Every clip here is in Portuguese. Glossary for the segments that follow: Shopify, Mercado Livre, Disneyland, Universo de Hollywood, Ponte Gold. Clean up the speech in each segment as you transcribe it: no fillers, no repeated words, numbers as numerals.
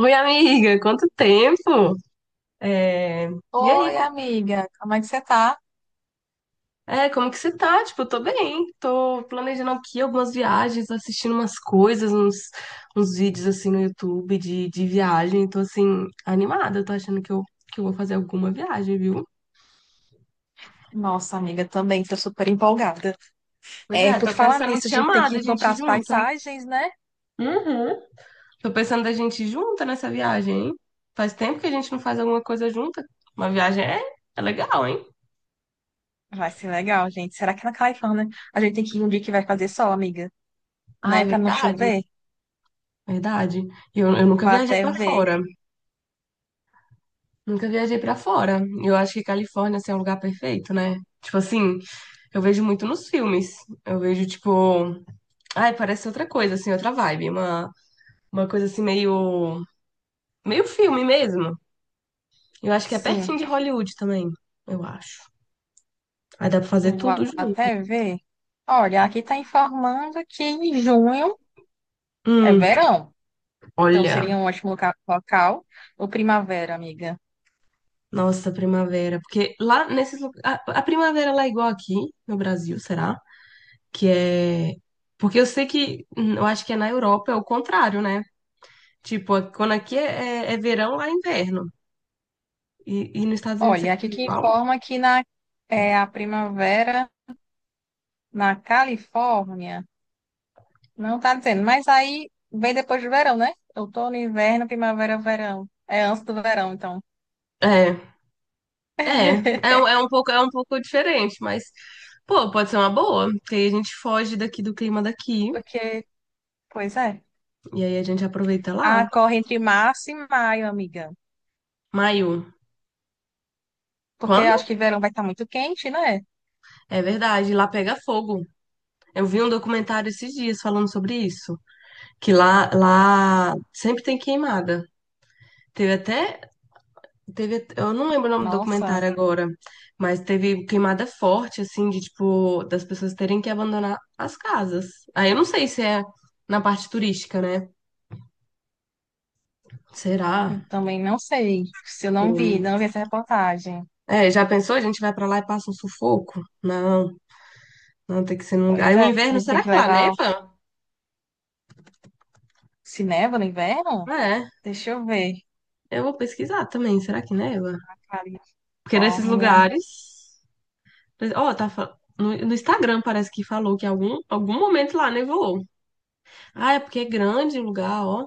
Oi, amiga, quanto tempo? É, E aí, Oi, co- amiga, como é que você tá? Como que você tá? Tipo, eu tô bem, tô planejando aqui algumas viagens, assistindo umas coisas, uns vídeos assim no YouTube de viagem, tô assim, animada, tô achando que eu vou fazer alguma viagem, viu? Nossa, amiga, também tô super empolgada. Pois É, é, por tô falar pensando em nisso, te a gente tem chamar, que da gente comprar ir as junta. paisagens, né? Uhum. Tô pensando da gente ir junta nessa viagem, hein? Faz tempo que a gente não faz alguma coisa junta. Uma viagem é legal, hein? Vai ser legal, gente. Será que na Califórnia a gente tem que ir um dia que vai fazer sol, amiga? Ah, Né? é Pra não verdade. chover? Verdade. Eu nunca Vou viajei até pra ver. fora. Nunca viajei pra fora. Eu acho que Califórnia, assim, é um lugar perfeito, né? Tipo assim, eu vejo muito nos filmes. Eu vejo, tipo. Ai, parece outra coisa, assim, outra vibe. Uma coisa assim, meio. Meio filme mesmo. Eu acho que é pertinho Sim, de Hollywood também. Eu acho. Aí dá pra fazer vou tudo junto. até ver. Olha, aqui tá informando que em junho é Hum, verão. Então olha. seria um ótimo local. Ou primavera, amiga. Nossa, primavera. Porque lá nesses lugares. A primavera lá é igual aqui no Brasil, será? Que é. Porque eu sei que. Eu acho que é na Europa é o contrário, né? Tipo, quando aqui é verão, lá é inverno. E nos Estados Unidos é Olha, aqui que igual. informa que na, é, a primavera na Califórnia. Não tá dizendo, mas aí vem depois do verão, né? Outono, inverno, primavera, verão. É antes do verão, então. É, é um pouco diferente, mas. Pô, pode ser uma boa, porque aí a gente foge daqui do clima daqui Porque, Pois é. e aí a gente aproveita lá. Ah, corre entre março e maio, amiga. Maio, Porque quando? acho que verão vai estar muito quente, né? É verdade, lá pega fogo. Eu vi um documentário esses dias falando sobre isso, que lá sempre tem queimada. Teve até Teve, eu não lembro o nome do Nossa, documentário agora, mas teve queimada forte, assim, de tipo, das pessoas terem que abandonar as casas. Aí eu não sei se é na parte turística, né? eu Será? também não sei. Se eu não vi, não vi que- essa reportagem. É, já pensou? A gente vai pra lá e passa um sufoco? Não, não tem que ser num lugar. Pois Aí o é, a inverno, gente tem será que que lá levar. neva? Se neva no inverno? É, Deixa eu ver. eu vou pesquisar também, será que neva? Porque nesses Califórnia. lugares. Ó, tá. No Instagram parece que falou que algum momento lá nevou. Ah, é porque é grande o lugar, ó.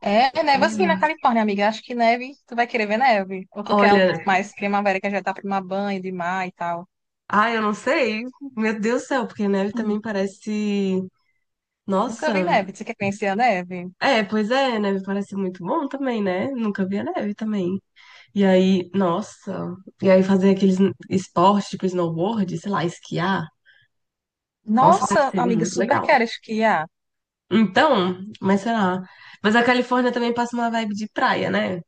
É, neva assim na Olha, Califórnia, amiga. Acho que neve, tu vai querer ver neve. Ou tu quer olha, mais primavera, que já tá pra tomar banho de mar e tal. ai, eu não sei. Meu Deus do céu, porque neve Uhum. também parece. Nunca vi Nossa, neve. Você quer conhecer a neve? é, pois é, neve parece muito bom também, né? Nunca vi a neve também. E aí, nossa, e aí fazer aqueles esportes tipo snowboard, sei lá, esquiar. Nossa, deve Nossa, ser amiga, muito super legal. quero esquiar. Então, mas sei lá. Mas a Califórnia também passa uma vibe de praia, né?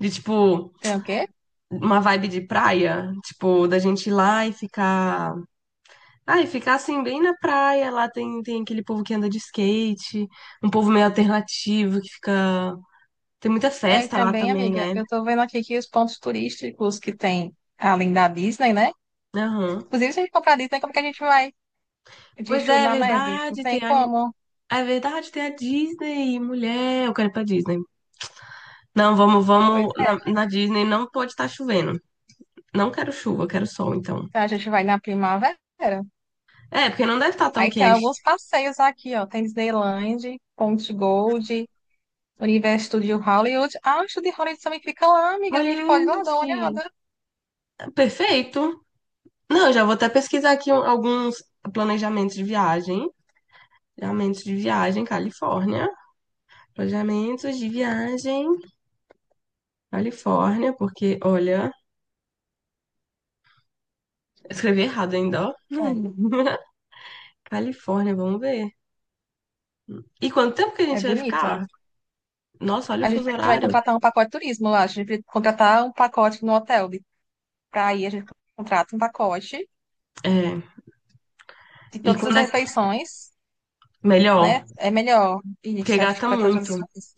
De tipo, Tem o quê? uma vibe de praia, tipo, da gente ir lá e ficar. Ah, e ficar assim bem na praia, lá tem aquele povo que anda de skate, um povo meio alternativo que fica. Tem muita É, e festa lá também, também, amiga, né? eu tô vendo aqui que os pontos turísticos que tem, além da Disney, né? Aham. Inclusive, se a gente comprar a Disney, como que a gente vai de Pois chu é, é na neve? Não verdade, tem tem a... como. é verdade, tem a Disney, mulher, eu quero ir pra Disney. Não, vamos, Pois vamos, é, na Disney não pode estar chovendo. Não quero chuva, quero sol, então. então a gente vai na primavera. É, porque não deve estar tão Aí tem quente. alguns passeios aqui, ó. Tem Disneyland, Ponte Gold, Universo de Hollywood. Ah, o estúdio de Hollywood também fica lá, amiga. A gente pode ir lá dar uma Hollywood, olhada. perfeito. Não, eu já vou até pesquisar aqui alguns planejamentos de viagem. Planejamentos de viagem, Califórnia. Planejamentos de viagem, Califórnia, porque, olha, eu escrevi errado ainda, ó. Califórnia, vamos ver. E quanto tempo que a É, é gente vai bonito. ficar? Nossa, olha o A gente fuso vai horário. contratar um pacote de turismo lá. A gente vai contratar um pacote no hotel. De... Pra ir, a gente contrata um pacote É, de e todas as quando é refeições, melhor? né? É melhor. Porque Isso, acho que gasta para todas muito. as coisas.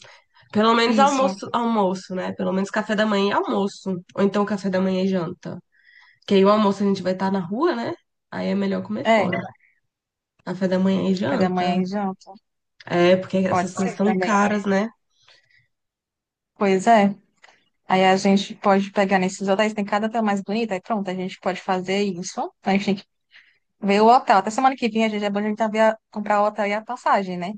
Pelo menos Isso. almoço, almoço, né? Pelo menos café da manhã e almoço. Ou então café da manhã e janta. Que aí o almoço a gente vai estar na rua, né? Aí é melhor comer É. fora. Café da manhã e Café da janta. manhã e janta. É, porque essas Pode coisas ser são também. caras, né? Pois é. Aí a gente pode pegar nesses hotéis, tem cada hotel mais bonito. Aí pronto, a gente pode fazer isso. Então, a gente tem. Ver o hotel. Até semana que vem a gente é bom a gente já ver comprar o hotel e a passagem, né?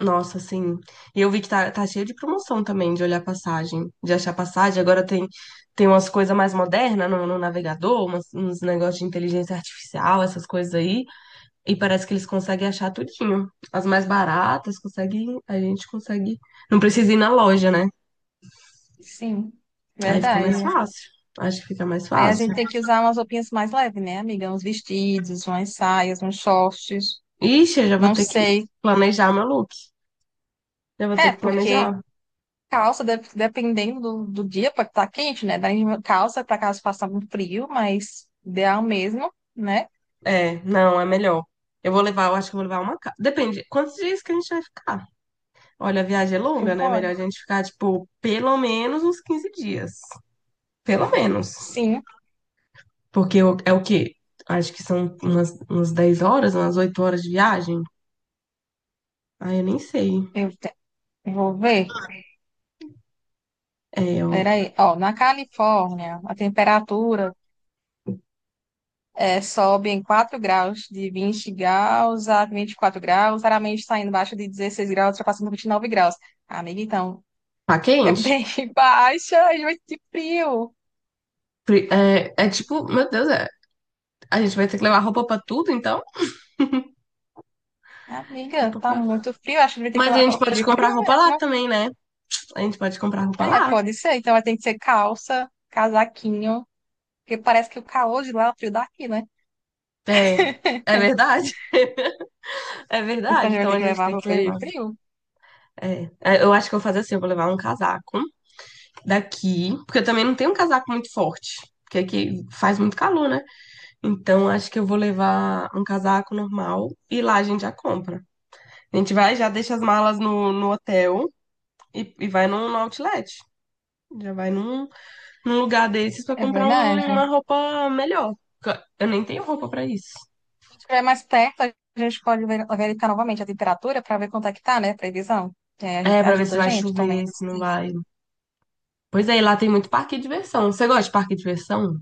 Nossa, sim. E eu vi que tá cheio de promoção também, de olhar passagem, de achar passagem. Agora tem umas coisas mais modernas no navegador, uns negócios de inteligência artificial, essas coisas aí. E parece que eles conseguem achar tudinho. As mais baratas, conseguem, a gente consegue. Não precisa ir na loja, né? Sim, Aí fica mais verdade. fácil. Acho que fica mais Aí a fácil. gente tem que usar umas roupinhas mais leves, né, amiga? Uns vestidos, umas saias, uns shorts. Ixi, eu já vou Não ter que sei. planejar meu look. Já vou ter É, que porque planejar. calça, dependendo do, do dia, pode estar quente, né? Daí calça para caso faça muito frio, mas ideal mesmo, né? É, não, é melhor. Eu vou levar, eu acho que eu vou levar uma. Depende, quantos dias que a gente vai ficar? Olha, a viagem é Eu longa, né? vou. Melhor a gente ficar, tipo, pelo menos uns 15 dias. Pelo menos. Sim, Porque é o quê? Acho que são umas 10 horas, umas 8 horas de viagem. Ah, eu nem sei. eu te- eu vou ver. É, ó, Peraí. Ó, na Califórnia, a temperatura é, sobe em 4 graus, de 20 graus a 24 graus, raramente está indo embaixo de 16 graus, ultrapassando 29 graus. Amiga, então, tá é quente? bem baixa, a gente vai sentir frio. É, é tipo, meu Deus, é, a gente vai ter que levar roupa pra tudo, então? Amiga, Roupa tá pra... muito frio, acho que a gente vai ter que ter Mas a uma gente roupa pode de comprar frio roupa lá mesmo. também, né? A gente pode comprar roupa É, lá. pode ser, então vai ter que ser calça, casaquinho, porque parece que o calor de lá é o frio daqui, né? É, é verdade. É Então a verdade. gente vai Então ter a que gente levar tem que roupa de levar. frio. Eu acho que eu vou fazer assim, eu vou levar um casaco daqui, porque eu também não tenho um casaco muito forte, porque aqui faz muito calor, né? Então acho que eu vou levar um casaco normal e lá a gente já compra. A gente vai, já deixa as malas no hotel e vai no outlet. Já vai num lugar desses pra É comprar verdade. uma roupa melhor. Porque Eu nem tenho roupa pra isso. Quando estiver mais perto, a gente pode verificar novamente a temperatura para ver quanto é que tá, né? Previsão. É, a É, gente, pra ver se ajuda a vai gente também. chover, se não vai. Pois é, e lá tem muito parque de diversão. Você gosta de parque de diversão?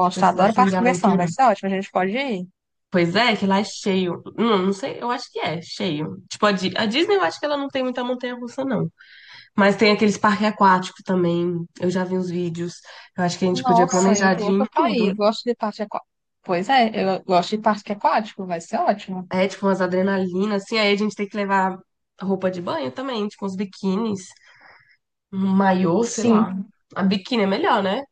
Tipo esses adoro assim parte de de conversão, aventura? vai ser ótimo. A gente pode ir. Pois é, que lá é cheio. Não, não sei, eu acho que é cheio. Tipo, a Disney eu acho que ela não tem muita montanha-russa, não. Mas tem aqueles parques aquáticos também. Eu já vi uns vídeos. Eu acho que a gente podia Nossa, eu planejar tô de ir em louca pra ir. tudo. Eu gosto de parque aquático. Pois é, eu gosto de parque aquático, vai ser ótimo. É, tipo, umas adrenalinas, assim. Aí a gente tem que levar roupa de banho também, tipo, uns biquínis, um maiô, sei Sim, lá. A biquíni é melhor, né?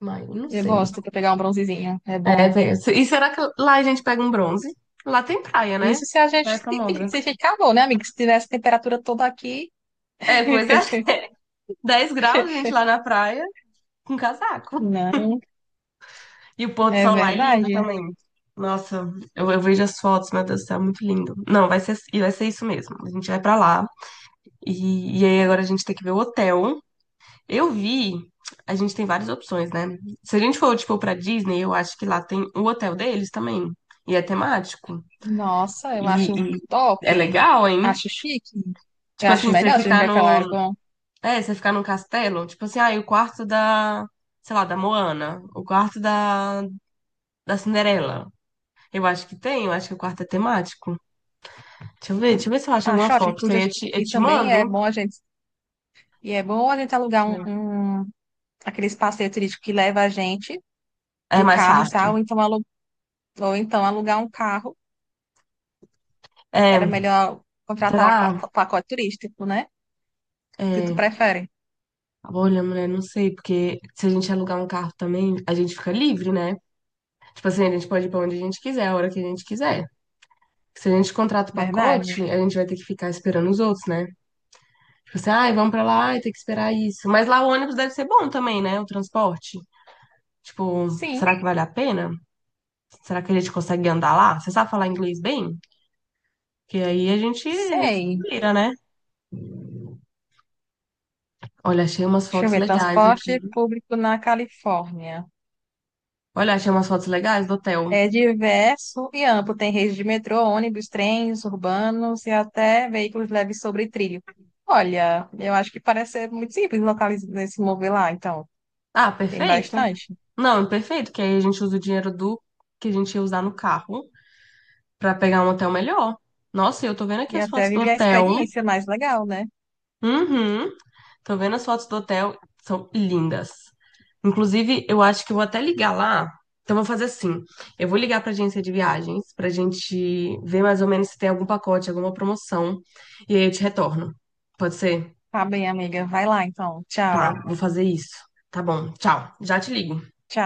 Mas não eu sei. gosto de pegar um bronzezinho, é É, bom. tem- e será que lá a gente pega um bronze? Lá tem praia, né? Isso se a gente Praia se, famosa. se ficar bom, né, amigo? Se tivesse temperatura toda aqui. É, pois é. 10 graus, gente, lá na praia. Com casaco. Não, E o pôr do é sol lá é lindo verdade. também. Nossa, eu vejo as fotos, meu Deus do céu, muito lindo. Não, vai ser, e vai ser isso mesmo. A gente vai pra lá. E aí agora a gente tem que ver o hotel. Eu vi, a gente tem várias opções, né? Se a gente for, tipo, pra Disney, eu acho que lá tem o hotel deles também. E é temático. Nossa, eu E, acho e é top. legal, hein? Acho chique. Eu Tipo assim, acho você melhor se a gente ficar vai pra lá, no. era bom. É, você ficar num castelo. Tipo assim, ah, e o quarto da. Sei lá, da Moana. O quarto da Cinderela. Eu acho que tem, eu acho que é o quarto é temático. Deixa eu ver se eu acho alguma Acho ótimo, foto. Isso aí porque. Eu E te mando. também é Deixa bom a gente. E é bom a gente alugar eu um, ver. um- aqueles passeios turísticos que leva a gente É de mais carro e tal, fácil. Ou então alugar um carro. Era É, melhor contratar o será? pacote turístico, né? Que tu É, prefere. olha, mulher, não sei, porque se a gente alugar um carro também, a gente fica livre, né? Tipo assim, a gente pode ir pra onde a gente quiser, a hora que a gente quiser. Se a gente contrata o Verdade? pacote, a gente vai ter que ficar esperando os outros, né? Tipo assim, ai, vamos pra lá, ai, tem que esperar isso. Mas lá o ônibus deve ser bom também, né? O transporte. Tipo, Sim, será que vale a pena? Será que a gente consegue andar lá? Você sabe falar inglês bem? Que aí a gente se sei. vira, né? Olha, achei umas Deixa eu fotos ver, legais aqui. transporte público na Califórnia. Olha, achei umas fotos legais do hotel. É diverso e amplo. Tem rede de metrô, ônibus, trens urbanos e até veículos leves sobre trilho. Olha, eu acho que parece ser muito simples localizar se mover lá, então. Ah, Tem perfeito. bastante. Não, perfeito, que aí a gente usa o dinheiro do que a gente ia usar no carro pra pegar um hotel melhor. Nossa, e eu tô vendo E aqui as até fotos do viver a hotel. experiência mais legal, né? Uhum. Tô vendo as fotos do hotel, são lindas. Inclusive, eu acho que eu vou até ligar lá. Então, vou fazer assim: eu vou ligar pra agência de viagens pra gente ver mais ou menos se tem algum pacote, alguma promoção. E aí eu te retorno. Pode ser? Tá bem, amiga. Vai lá, então. Tá Tchau. Tá, vou fazer isso. Tá bom, tchau. Já te ligo. Tchau.